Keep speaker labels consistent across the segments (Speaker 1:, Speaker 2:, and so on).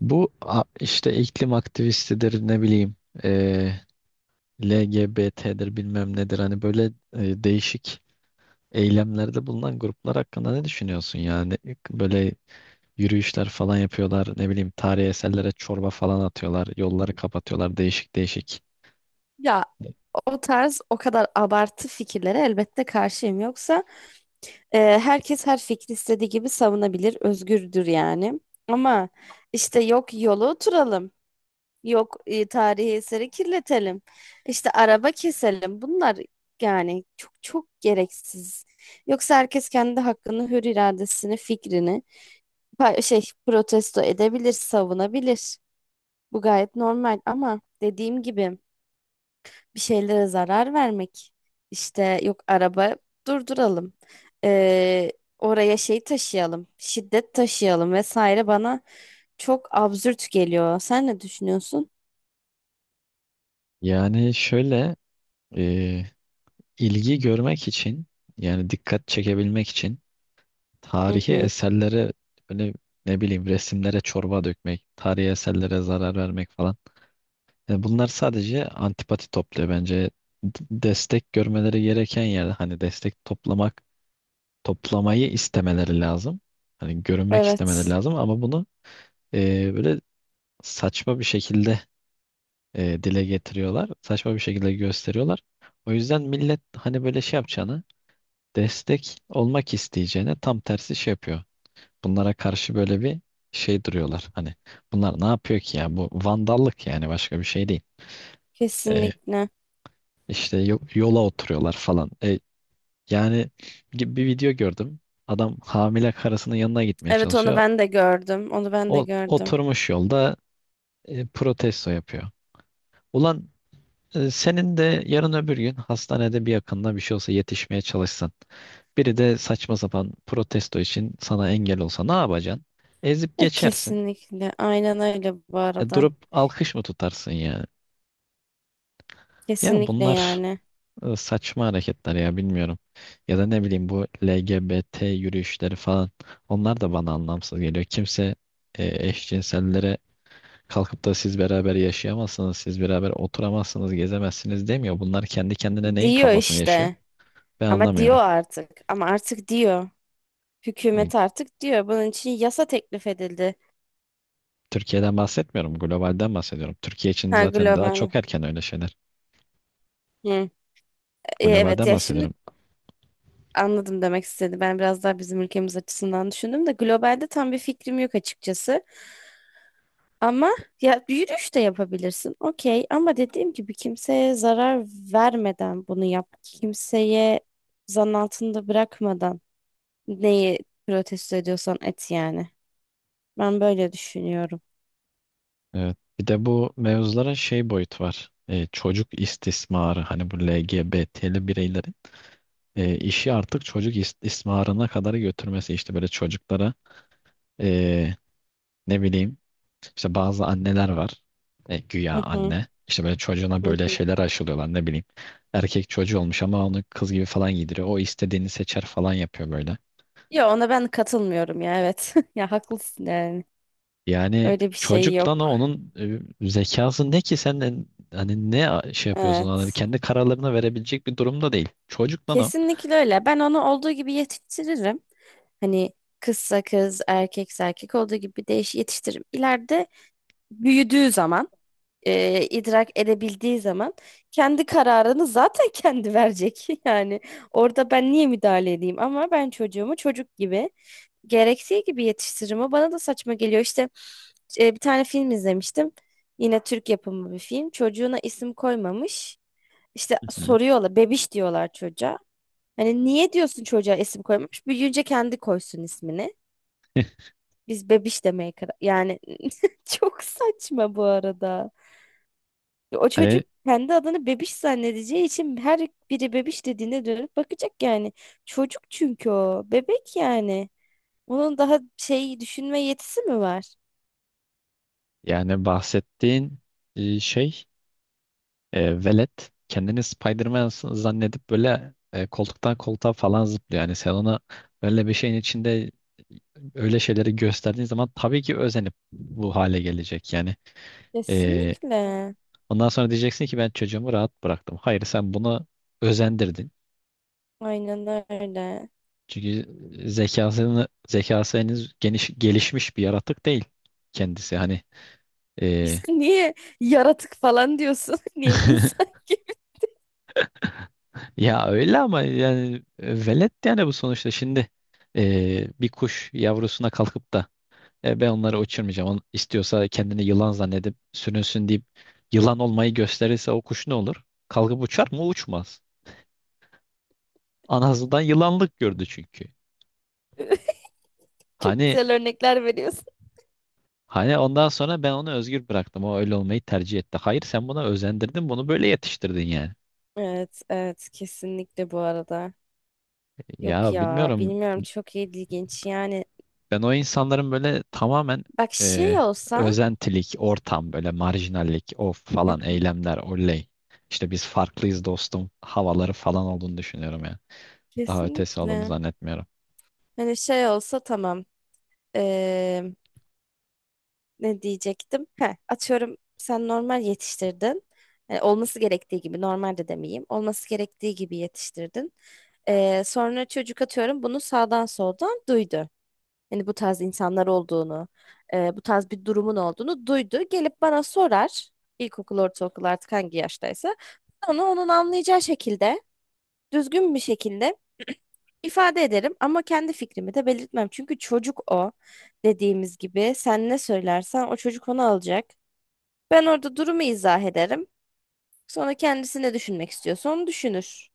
Speaker 1: İşte iklim aktivistidir ne bileyim eee LGBT'dir bilmem nedir hani böyle değişik eylemlerde bulunan gruplar hakkında ne düşünüyorsun yani böyle yürüyüşler falan yapıyorlar ne bileyim tarihi eserlere çorba falan atıyorlar yolları kapatıyorlar değişik değişik.
Speaker 2: Ya, o tarz o kadar abartı fikirlere elbette karşıyım. Yoksa herkes her fikri istediği gibi savunabilir, özgürdür yani. Ama işte yok yolu oturalım, yok tarihi eseri kirletelim, işte araba keselim. Bunlar yani çok çok gereksiz. Yoksa herkes kendi hakkını, hür iradesini, fikrini şey protesto edebilir, savunabilir. Bu gayet normal ama dediğim gibi, bir şeylere zarar vermek. İşte yok araba durduralım. Ee, Oraya şey taşıyalım, şiddet taşıyalım vesaire bana çok absürt geliyor. Sen ne düşünüyorsun?
Speaker 1: Yani şöyle e, ilgi görmek için yani dikkat çekebilmek için
Speaker 2: Hı
Speaker 1: tarihi
Speaker 2: hı.
Speaker 1: eserlere böyle ne bileyim resimlere çorba dökmek, tarihi eserlere zarar vermek falan. Bunlar sadece antipati topluyor bence. D- Destek görmeleri gereken yerde hani destek toplamak, toplamayı istemeleri lazım. Hani görünmek istemeleri
Speaker 2: Evet,
Speaker 1: lazım ama bunu böyle saçma bir şekilde dile getiriyorlar. Saçma bir şekilde gösteriyorlar. O yüzden millet hani böyle şey yapacağını, destek olmak isteyeceğine tam tersi şey yapıyor. Bunlara karşı böyle bir şey duruyorlar. Hani bunlar ne yapıyor ki ya? Bu vandallık yani başka bir şey değil. E,
Speaker 2: kesinlikle.
Speaker 1: İşte yola oturuyorlar falan. Yani gibi bir video gördüm. Adam hamile karısının yanına gitmeye
Speaker 2: Evet, onu
Speaker 1: çalışıyor.
Speaker 2: ben de gördüm. Onu ben de
Speaker 1: O
Speaker 2: gördüm.
Speaker 1: oturmuş yolda protesto yapıyor. Ulan senin de yarın öbür gün hastanede bir yakınına bir şey olsa yetişmeye çalışsan. Biri de saçma sapan protesto için sana engel olsa ne yapacaksın? Ezip
Speaker 2: Ya,
Speaker 1: geçersin.
Speaker 2: kesinlikle. Aynen öyle bu arada.
Speaker 1: Durup alkış mı tutarsın ya? Ya
Speaker 2: Kesinlikle
Speaker 1: bunlar
Speaker 2: yani.
Speaker 1: Saçma hareketler ya bilmiyorum. Ya da ne bileyim bu LGBT yürüyüşleri falan. Onlar da bana anlamsız geliyor. Kimse eşcinsellere kalkıp da siz beraber yaşayamazsınız, siz beraber oturamazsınız, gezemezsiniz demiyor. Bunlar kendi kendine neyin
Speaker 2: Diyor
Speaker 1: kafasını yaşıyor?
Speaker 2: işte.
Speaker 1: Ben
Speaker 2: Ama diyor
Speaker 1: anlamıyorum.
Speaker 2: artık. Ama artık diyor.
Speaker 1: E,
Speaker 2: Hükümet artık diyor. Bunun için yasa teklif edildi.
Speaker 1: Türkiye'den bahsetmiyorum, globalden bahsediyorum. Türkiye için
Speaker 2: Ha,
Speaker 1: zaten daha çok
Speaker 2: global.
Speaker 1: erken öyle şeyler.
Speaker 2: Hı. E, evet
Speaker 1: Globalden
Speaker 2: ya şimdi
Speaker 1: bahsediyorum.
Speaker 2: anladım demek istedi. Ben biraz daha bizim ülkemiz açısından düşündüm de globalde tam bir fikrim yok açıkçası. Ama ya yürüyüş de yapabilirsin. Okey, ama dediğim gibi kimseye zarar vermeden bunu yap. Kimseye zan altında bırakmadan neyi protesto ediyorsan et yani. Ben böyle düşünüyorum.
Speaker 1: Evet. Bir de bu mevzuların şey boyutu var. Çocuk istismarı hani bu LGBT'li bireyleri işi artık çocuk istismarına kadar götürmesi işte böyle çocuklara e, ne bileyim işte bazı anneler var, güya
Speaker 2: Hı hı,
Speaker 1: anne işte böyle çocuğuna
Speaker 2: hı
Speaker 1: böyle
Speaker 2: hı.
Speaker 1: şeyler aşılıyorlar ne bileyim erkek çocuğu olmuş ama onu kız gibi falan giydiriyor, o istediğini seçer falan yapıyor böyle.
Speaker 2: Ya ona ben katılmıyorum ya, evet. Ya haklısın yani.
Speaker 1: Yani
Speaker 2: Öyle bir şey
Speaker 1: çocukla ne
Speaker 2: yok.
Speaker 1: onun zekası ne ki, sen de hani ne şey yapıyorsun, hani
Speaker 2: Evet.
Speaker 1: kendi kararlarını verebilecek bir durumda değil çocukla o.
Speaker 2: Kesinlikle öyle. Ben onu olduğu gibi yetiştiririm. Hani kızsa kız, erkekse erkek olduğu gibi değiş yetiştiririm. İleride büyüdüğü zaman, idrak edebildiği zaman kendi kararını zaten kendi verecek. Yani orada ben niye müdahale edeyim? Ama ben çocuğumu çocuk gibi gerektiği gibi yetiştiririm. O bana da saçma geliyor. İşte bir tane film izlemiştim. Yine Türk yapımı bir film. Çocuğuna isim koymamış. İşte
Speaker 1: Hı hı.
Speaker 2: soruyorlar, bebiş diyorlar çocuğa. Hani niye diyorsun çocuğa isim koymamış? Büyüyünce kendi koysun ismini. Biz bebiş demeye karar... Yani çok saçma bu arada. O çocuk
Speaker 1: Hani
Speaker 2: kendi adını bebiş zannedeceği için her biri bebiş dediğinde dönüp bakacak yani. Çocuk çünkü o. Bebek yani. Onun daha şey düşünme yetisi mi var?
Speaker 1: yani bahsettiğin e, şey velet kendini Spider-Man zannedip böyle, koltuktan koltuğa falan zıplıyor. Yani sen ona öyle bir şeyin içinde öyle şeyleri gösterdiğin zaman tabii ki özenip bu hale gelecek. Yani e,
Speaker 2: Kesinlikle.
Speaker 1: ondan sonra diyeceksin ki ben çocuğumu rahat bıraktım. Hayır, sen bunu özendirdin.
Speaker 2: Aynen öyle.
Speaker 1: Çünkü zekası henüz geniş, gelişmiş bir yaratık değil kendisi. Hani e,
Speaker 2: İşte niye yaratık falan diyorsun? Niye insan?
Speaker 1: ya öyle ama yani, velet yani bu sonuçta şimdi bir kuş yavrusuna kalkıp da ben onları uçurmayacağım. On, istiyorsa kendini yılan zannedip sürünsün" deyip yılan olmayı gösterirse o kuş ne olur? Kalkıp uçar mı? Uçmaz. Anasından yılanlık gördü çünkü.
Speaker 2: Çok
Speaker 1: Hani
Speaker 2: güzel örnekler veriyorsun.
Speaker 1: hani ondan sonra ben onu özgür bıraktım, o öyle olmayı tercih etti. Hayır, sen buna özendirdin, bunu böyle yetiştirdin yani.
Speaker 2: Evet, evet, kesinlikle bu arada. Yok
Speaker 1: Ya
Speaker 2: ya,
Speaker 1: bilmiyorum,
Speaker 2: bilmiyorum, çok ilginç yani.
Speaker 1: ben o insanların böyle tamamen
Speaker 2: Bak,
Speaker 1: e,
Speaker 2: şey olsa.
Speaker 1: özentilik, ortam, böyle marjinallik, o
Speaker 2: Hı
Speaker 1: falan
Speaker 2: hı.
Speaker 1: eylemler, oley. İşte biz farklıyız dostum havaları falan olduğunu düşünüyorum yani. Daha ötesi olduğunu
Speaker 2: Kesinlikle.
Speaker 1: zannetmiyorum.
Speaker 2: Hani şey olsa, tamam. Eee, Ne diyecektim? Heh, atıyorum sen normal yetiştirdin. Yani olması gerektiği gibi, normal de demeyeyim, olması gerektiği gibi yetiştirdin. Sonra çocuk, atıyorum, bunu sağdan soldan duydu. Yani bu tarz insanlar olduğunu, bu tarz bir durumun olduğunu duydu. Gelip bana sorar. İlkokul, ortaokul, artık hangi yaştaysa. Onu onun anlayacağı şekilde, düzgün bir şekilde ifade ederim ama kendi fikrimi de belirtmem. Çünkü çocuk, o dediğimiz gibi, sen ne söylersen o çocuk onu alacak. Ben orada durumu izah ederim. Sonra kendisi ne düşünmek istiyorsa onu düşünür.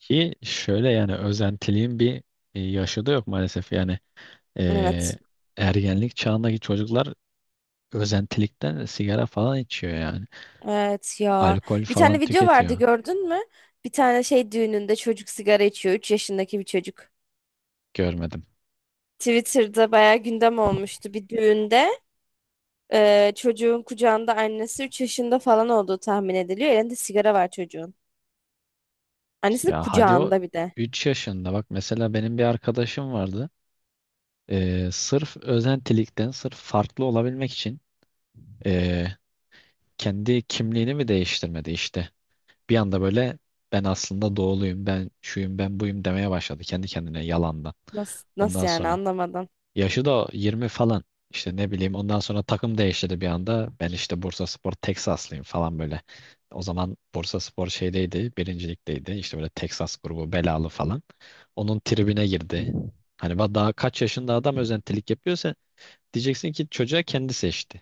Speaker 1: Ki şöyle yani özentiliğin bir yaşı da yok maalesef. Yani
Speaker 2: Evet.
Speaker 1: e, ergenlik çağındaki çocuklar özentilikten sigara falan içiyor yani.
Speaker 2: Evet ya.
Speaker 1: Alkol
Speaker 2: Bir
Speaker 1: falan
Speaker 2: tane video vardı,
Speaker 1: tüketiyor.
Speaker 2: gördün mü? Bir tane şey düğününde çocuk sigara içiyor. 3 yaşındaki bir çocuk.
Speaker 1: Görmedim.
Speaker 2: Twitter'da bayağı gündem olmuştu bir düğünde. Çocuğun kucağında annesi, 3 yaşında falan olduğu tahmin ediliyor. Elinde sigara var çocuğun. Annesinin
Speaker 1: Ya hadi o
Speaker 2: kucağında bir de.
Speaker 1: 3 yaşında. Bak mesela benim bir arkadaşım vardı. Sırf özentilikten, sırf farklı olabilmek için ee, kendi kimliğini mi değiştirmedi işte. Bir anda böyle, ben aslında doğuluyum, ben şuyum, ben buyum demeye başladı kendi kendine yalandan.
Speaker 2: Nasıl,
Speaker 1: Ondan
Speaker 2: nasıl yani,
Speaker 1: sonra
Speaker 2: anlamadım.
Speaker 1: yaşı da 20 falan. İşte ne bileyim ondan sonra takım değiştirdi bir anda. Ben işte Bursaspor Teksaslıyım falan böyle. O zaman Bursaspor şeydeydi, birincilikteydi. İşte böyle Teksas grubu belalı falan. Onun tribüne girdi. Hani daha kaç yaşında adam özentilik yapıyor. Diyeceksin ki çocuğa kendi seçti.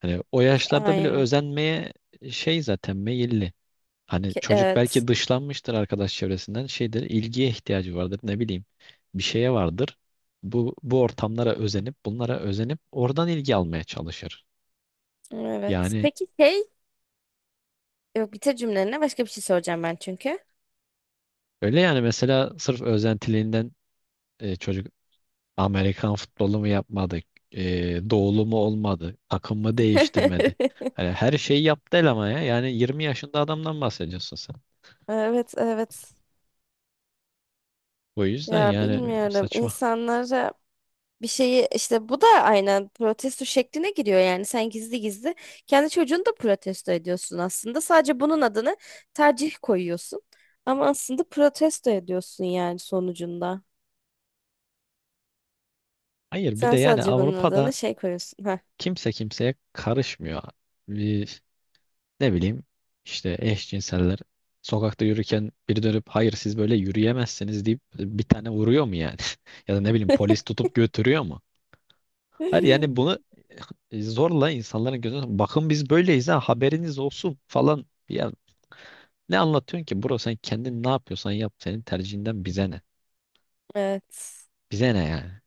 Speaker 1: Hani o
Speaker 2: İşte
Speaker 1: yaşlarda bile
Speaker 2: aynı.
Speaker 1: özenmeye şey zaten meyilli. Hani çocuk
Speaker 2: Evet.
Speaker 1: belki dışlanmıştır arkadaş çevresinden. Şeydir, ilgiye ihtiyacı vardır, ne bileyim. Bir şeye vardır. Bu ortamlara özenip, bunlara özenip oradan ilgi almaya çalışır.
Speaker 2: Evet.
Speaker 1: Yani
Speaker 2: Peki şey, yok bitir cümlene, başka bir şey soracağım ben çünkü.
Speaker 1: öyle yani, mesela sırf özentiliğinden çocuk Amerikan futbolu mu yapmadı, doğulu mu olmadı, takım mı değiştirmedi. Hani her şeyi yaptı el ama ya. Yani 20 yaşında adamdan bahsediyorsun.
Speaker 2: Evet, evet.
Speaker 1: O yüzden
Speaker 2: Ya
Speaker 1: yani
Speaker 2: bilmiyorum.
Speaker 1: saçma.
Speaker 2: İnsanlara bir şeyi işte, bu da aynen protesto şekline giriyor yani. Sen gizli gizli kendi çocuğunu da protesto ediyorsun aslında. Sadece bunun adını tercih koyuyorsun. Ama aslında protesto ediyorsun yani, sonucunda.
Speaker 1: Hayır, bir de
Speaker 2: Sen
Speaker 1: yani
Speaker 2: sadece bunun
Speaker 1: Avrupa'da
Speaker 2: adını şey koyuyorsun. Ha.
Speaker 1: kimse kimseye karışmıyor. Bir, ne bileyim, işte eşcinseller sokakta yürürken biri dönüp hayır siz böyle yürüyemezsiniz deyip bir tane vuruyor mu yani? Ya da ne bileyim polis tutup götürüyor mu? Hayır yani bunu zorla insanların gözüne, bakın biz böyleyiz ha haberiniz olsun falan. Ya ne anlatıyorsun ki bro, sen kendin ne yapıyorsan yap, senin tercihinden bize ne?
Speaker 2: Evet.
Speaker 1: Bize ne yani?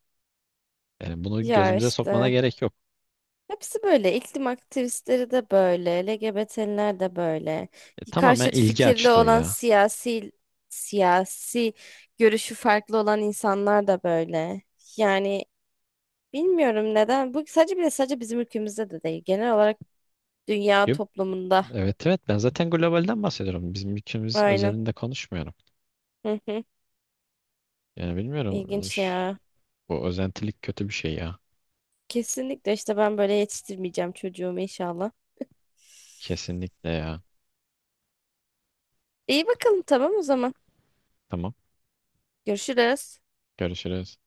Speaker 1: Yani bunu
Speaker 2: Ya
Speaker 1: gözümüze sokmana
Speaker 2: işte
Speaker 1: gerek yok.
Speaker 2: hepsi böyle, iklim aktivistleri de böyle, LGBT'liler de böyle,
Speaker 1: Tamamen
Speaker 2: karşıt
Speaker 1: ilgi
Speaker 2: fikirli
Speaker 1: açlığı
Speaker 2: olan
Speaker 1: ya.
Speaker 2: siyasi görüşü farklı olan insanlar da böyle yani, bilmiyorum neden bu sadece bile sadece bizim ülkemizde de değil, genel olarak dünya
Speaker 1: Yok,
Speaker 2: toplumunda.
Speaker 1: evet evet ben zaten globalden bahsediyorum. Bizim ülkemiz
Speaker 2: Aynen.
Speaker 1: özelinde konuşmuyorum.
Speaker 2: Hı hı.
Speaker 1: Yani bilmiyorum.
Speaker 2: ilginç ya.
Speaker 1: Bu özentilik kötü bir şey ya.
Speaker 2: Kesinlikle işte, ben böyle yetiştirmeyeceğim çocuğumu inşallah.
Speaker 1: Kesinlikle ya.
Speaker 2: İyi bakalım, tamam o zaman
Speaker 1: Tamam.
Speaker 2: görüşürüz.
Speaker 1: Görüşürüz.